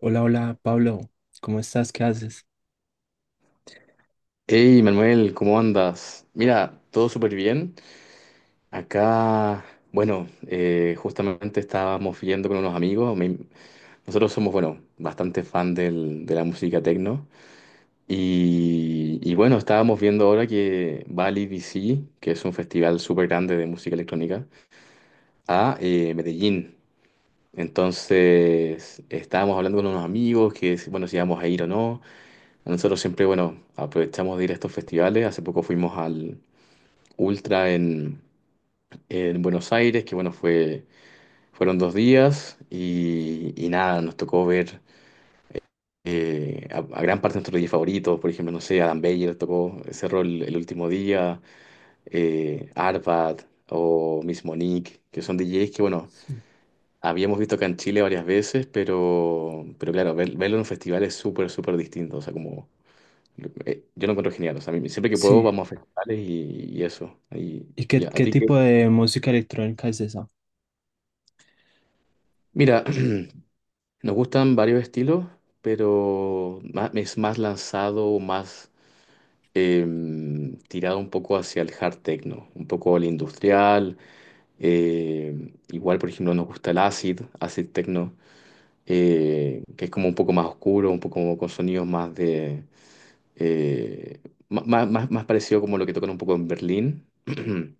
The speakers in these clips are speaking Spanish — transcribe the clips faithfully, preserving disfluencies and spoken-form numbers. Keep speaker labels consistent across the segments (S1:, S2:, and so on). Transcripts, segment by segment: S1: Hola, hola, Pablo, ¿cómo estás? ¿Qué haces?
S2: Hey Manuel, ¿cómo andas? Mira, todo súper bien. Acá, bueno, eh, justamente estábamos viendo con unos amigos. Me- nosotros somos, bueno, bastante fan del- de la música techno. Y, y bueno, estábamos viendo ahora que va al E D C, que es un festival súper grande de música electrónica, a eh, Medellín. Entonces, estábamos hablando con unos amigos que, si- bueno, si íbamos a ir o no. Nosotros siempre, bueno, aprovechamos de ir a estos festivales. Hace poco fuimos al ultra en, en Buenos Aires, que bueno, fue, fueron dos días y, y nada, nos tocó ver eh, a, a gran parte de nuestros D Js favoritos, por ejemplo, no sé, Adam Beyer tocó, cerró el, el último día, eh, Arvad o Miss Monique, que son D Js que bueno,
S1: Sí.
S2: habíamos visto acá en Chile varias veces, pero, pero claro, ver- verlo en un festival es súper, súper distinto, o sea, como... eh, yo lo encuentro genial, o sea, a mí- siempre que puedo
S1: Sí,
S2: vamos a festivales y, y eso. Y,
S1: ¿y
S2: y
S1: qué,
S2: a, a
S1: qué
S2: ti que...
S1: tipo de música electrónica es esa?
S2: Mira, nos gustan varios estilos, pero ma- es más lanzado, más em, tirado un poco hacia el hard techno, un poco al industrial. em, igual, por ejemplo, nos gusta el acid, acid techno, eh, que es como un poco más oscuro, un poco como con sonidos más de eh, ma- ma- más, más parecido como lo que tocan un poco en Berlín.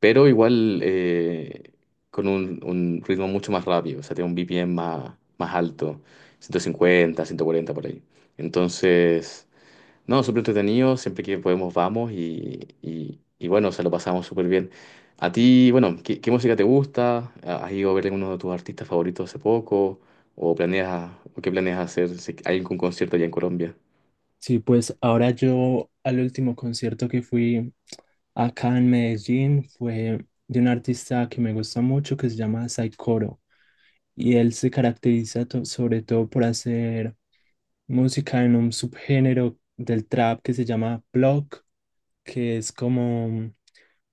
S2: Pero igual eh, con un, un ritmo mucho más rápido, o sea, tiene un B P M más, más alto, ciento cincuenta, ciento cuarenta por ahí. Entonces, no, súper entretenido, siempre que podemos vamos y, y, y bueno, se lo pasamos súper bien. A ti, bueno, ¿qué, qué música te gusta? Ah, ¿has ido a ver alguno de tus artistas favoritos hace poco? ¿O planeas, o qué planeas hacer si hay algún concierto allá en Colombia?
S1: Sí, pues ahora yo al último concierto que fui acá en Medellín fue de un artista que me gusta mucho que se llama Saikoro y él se caracteriza to- sobre todo por hacer música en un subgénero del trap que se llama block, que es como,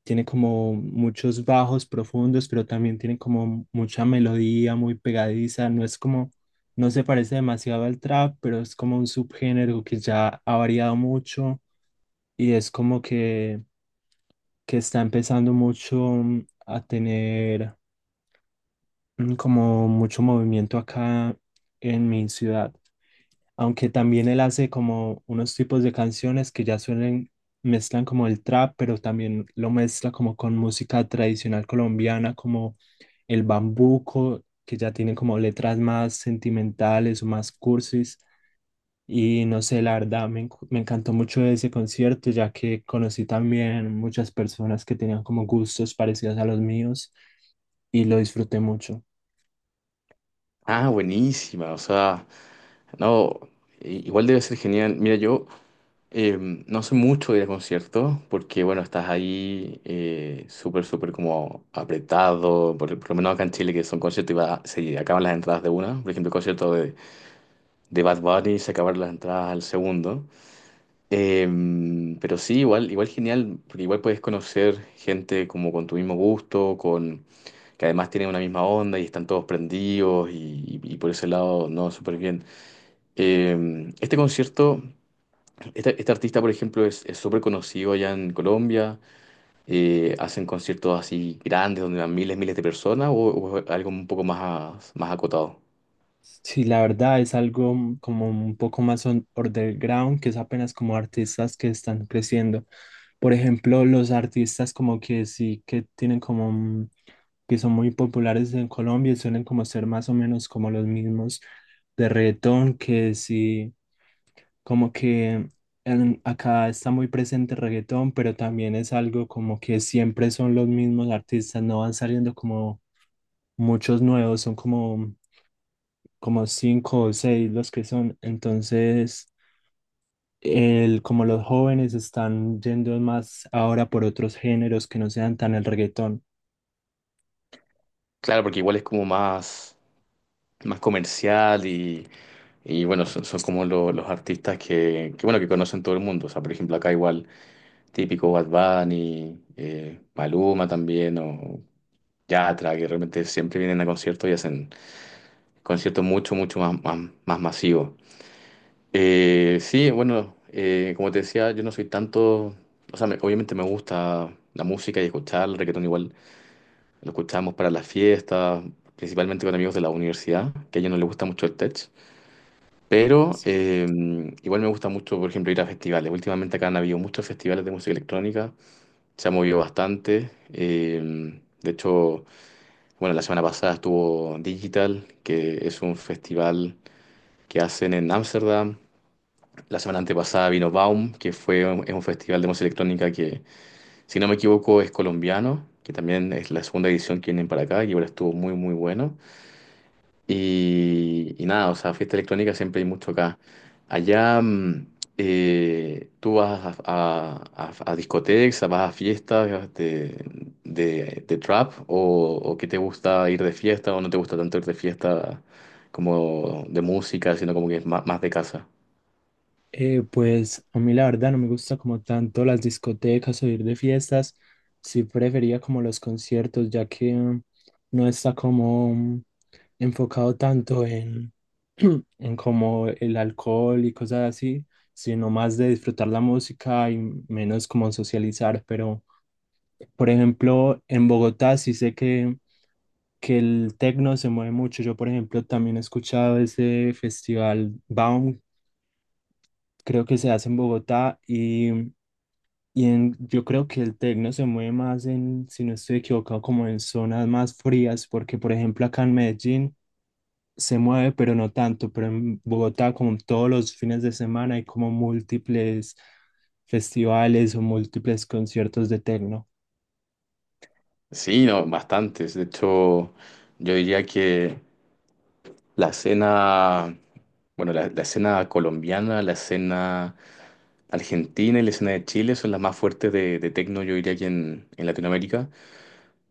S1: tiene como muchos bajos profundos, pero también tiene como mucha melodía muy pegadiza. No es como, no se parece demasiado al trap, pero es como un subgénero que ya ha variado mucho y es como que, que está empezando mucho mm, a tener mm, como mucho movimiento acá en mi ciudad. Aunque también él hace como unos tipos de canciones que ya suelen, mezclan como el trap, pero también lo mezcla como con música tradicional colombiana, como el bambuco, que ya tiene como letras más sentimentales o más cursis. Y no sé, la verdad, me, encu- me encantó mucho ese concierto, ya que conocí también muchas personas que tenían como gustos parecidos a los míos y lo disfruté mucho.
S2: Ah, buenísima, o sea, no, i- igual debe ser genial. Mira, yo... Eh, no sé mucho de ir a conciertos porque, bueno, estás ahí eh, súper, súper como apretado. Por, por lo menos acá en Chile, que son conciertos y va- se acaban las entradas de una. Por ejemplo, el concierto de, de Bad Bunny se acabaron las entradas al segundo. Eh, pero sí, igual, igual genial, porque igual puedes conocer gente como con tu mismo gusto, con que además tienen una misma onda y están todos prendidos y, y por ese lado, no, súper bien. Eh, este concierto. Este, este artista, por ejemplo, es es súper conocido allá en Colombia. eh, hacen conciertos así grandes donde van miles, miles de personas o, o algo un poco más, más acotado.
S1: Sí, la verdad es algo mm, como un poco más on- underground, que es apenas como artistas que están creciendo. Por ejemplo, los artistas como que sí que tienen como un- que son muy populares en Colombia y suelen como ser más o menos como los mismos de reggaetón, que sí, como que en- acá está muy presente reggaetón, pero también es algo como que siempre son los mismos artistas, no van saliendo como muchos nuevos, son como como cinco o seis los que son. Entonces, el, como los jóvenes están yendo más ahora por otros géneros que no sean tan el reggaetón.
S2: Claro, porque igual es como más, más comercial y, y bueno, son, son como lo- los artistas que, que, bueno, que conocen todo el mundo. O sea, por ejemplo, acá igual típico Bad Bunny, eh, Maluma también o Yatra, que realmente siempre vienen a conciertos y hacen conciertos mucho, mucho más, más, más masivos. Eh, sí, bueno, eh, como te decía, yo no soy tanto, o sea, me- obviamente me gusta la música y escuchar el reggaetón igual, lo escuchamos para las fiestas, principalmente con amigos de la universidad, que a ellos no les gusta mucho el tech, pero eh, igual me gusta mucho, por ejemplo, ir a festivales. Últimamente acá han habido muchos festivales de música electrónica, se ha movido bastante, eh, de hecho, bueno, la semana pasada estuvo Digital, que es un festival que hacen en Ámsterdam. La semana antepasada vino Baum, que fue un, es un festival de música electrónica que, si no me equivoco, es colombiano, que también es la segunda edición que vienen para acá y ahora estuvo muy, muy bueno. Y, y nada, o sea, fiesta electrónica siempre hay mucho acá. Allá mm, eh, tú vas a, a- a- a discotecas, vas a fiestas de, de, de trap o, o que te gusta ir de fiesta o no te gusta tanto ir de fiesta como de música, sino como que es más más de casa.
S1: Eh, pues a mí la verdad no me gusta como tanto las discotecas o ir de fiestas. Sí prefería como los conciertos, ya que mm, no está como mm, enfocado tanto en, en como el alcohol y cosas así, sino más de disfrutar la música y menos como socializar, pero... Por ejemplo, en Bogotá sí sé que, que el tecno se mueve mucho. Yo, por ejemplo, también he escuchado ese festival Baum, creo que se hace en Bogotá y, y en- yo creo que el tecno se mueve más en, si no estoy equivocado, como en zonas más frías, porque, por ejemplo, acá en Medellín se mueve, pero no tanto. Pero en Bogotá, como todos los fines de semana, hay como múltiples festivales o múltiples conciertos de tecno.
S2: Sí, no, bastantes. De hecho, yo diría que la escena, bueno, la, la escena colombiana, la escena argentina y la escena de Chile son las más fuertes de, de techno, yo diría que en, en Latinoamérica.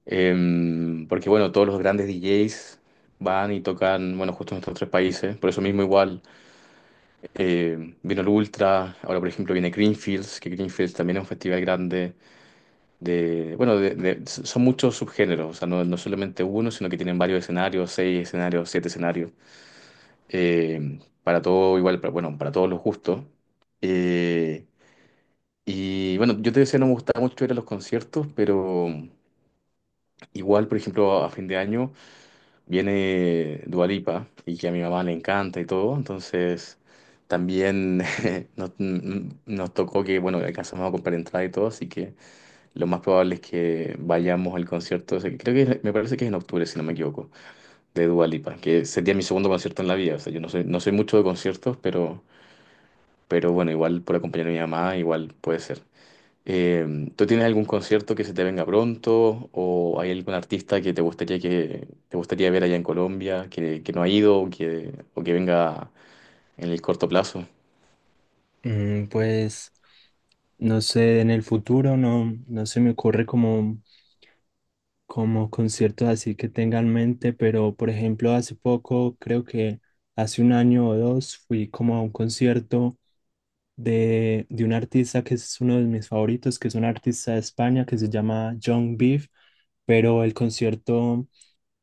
S2: Em, porque, bueno, todos los grandes D Js van y tocan, bueno, justo en estos tres países. Por eso mismo igual, eh, vino el Ultra, ahora por ejemplo viene Greenfields, que Greenfields también es un festival grande. De, bueno, de- de- son muchos subgéneros, o sea, no, no solamente uno, sino que tienen varios escenarios, seis escenarios, siete escenarios, eh, para todo igual, para, bueno, para todos los gustos. Eh, y bueno, yo te decía, no me gustaba mucho ir a los conciertos, pero igual, por ejemplo, a fin de año viene Dua Lipa y que a mi mamá le encanta y todo, entonces también nos, nos tocó que, bueno, alcanzamos a comprar entrada y todo, así que... Lo más probable es que vayamos al concierto, o sea, que creo que es- me parece que es en octubre, si no me equivoco, de Dua Lipa, que sería mi segundo concierto en la vida. O sea, yo no soy, no soy mucho de conciertos, pero, pero bueno, igual por acompañar a mi mamá, igual puede ser. Eh, ¿tú tienes algún concierto que se te venga pronto o hay algún artista que te gustaría que te gustaría ver allá en Colombia que, que no ha ido o que, o que venga en el corto plazo?
S1: Mm, pues no sé, en el futuro no, no se me ocurre como, como conciertos así que tenga en mente, pero por ejemplo hace poco, creo que hace un año o dos, fui como a un concierto de, de un artista que es uno de mis favoritos, que es un artista de España que se llama John Beef, pero el concierto,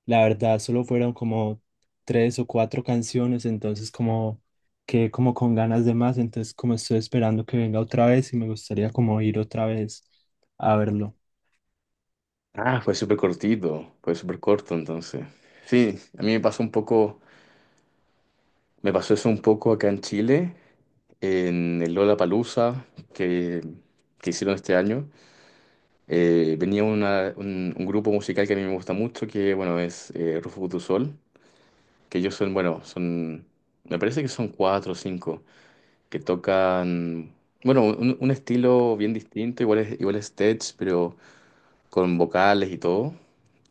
S1: la verdad, solo fueron como tres o cuatro canciones, entonces como quedé como con ganas de más, entonces como estoy esperando que venga otra vez y me gustaría como ir otra vez a verlo.
S2: Ah, fue súper cortito, fue súper corto entonces. Sí, a mí me pasó un poco me pasó eso un poco acá en Chile, en el Lollapalooza que, que hicieron este año. Eh, venía una- un, un grupo musical que a mí me gusta mucho, que bueno, es eh, Rufo Kutusol, que ellos son, bueno, son, me parece que son cuatro o cinco, que tocan, bueno, un, un estilo bien distinto, igual es, igual es tech, pero con vocales y todo.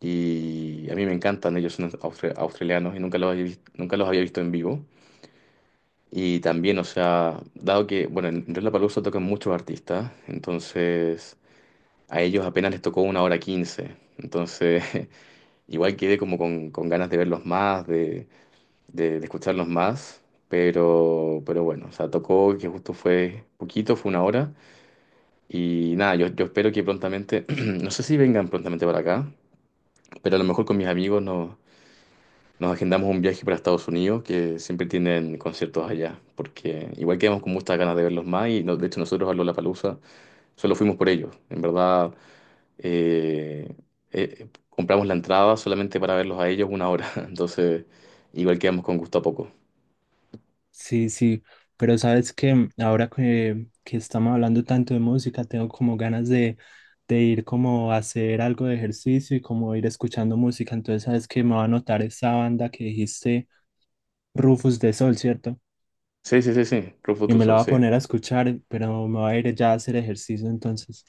S2: Y a mí me encantan, ellos son austra- australianos y nunca los había, vis- nunca los había visto en vivo. Y también, o sea, dado que, bueno, en Lollapalooza tocan muchos artistas, entonces a ellos apenas les tocó una hora quince. Entonces, igual quedé como con, con ganas de verlos más, de, de, de escucharlos más, pero, pero bueno, o sea, tocó que justo fue poquito, fue una hora. Y nada, yo, yo espero que prontamente, no sé si vengan prontamente para acá, pero a lo mejor con mis amigos nos agendamos un viaje para Estados Unidos, que siempre tienen conciertos allá, porque igual quedamos con muchas ganas de verlos más y no- de hecho nosotros a Lollapalooza solo fuimos por ellos. En verdad, eh, eh, compramos la entrada solamente para verlos a ellos una hora, entonces igual quedamos con gusto a poco.
S1: Sí, sí, pero sabes que ahora que, que estamos hablando tanto de música, tengo como ganas de, de ir como a hacer algo de ejercicio y como ir escuchando música. Entonces sabes que me va a notar esa banda que dijiste, Rufus de Sol, ¿cierto?
S2: Sí, sí, sí, sí, Club
S1: Y me la
S2: Futuso,
S1: va a
S2: sí.
S1: poner a escuchar, pero me va a ir ya a hacer ejercicio entonces.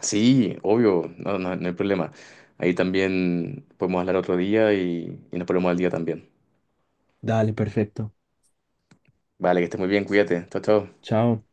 S2: Sí, obvio, no, no, no hay problema. Ahí también podemos hablar otro día y, y nos ponemos al día también.
S1: Dale, perfecto.
S2: Vale, que estés muy bien, cuídate. Chao, chao.
S1: Chao.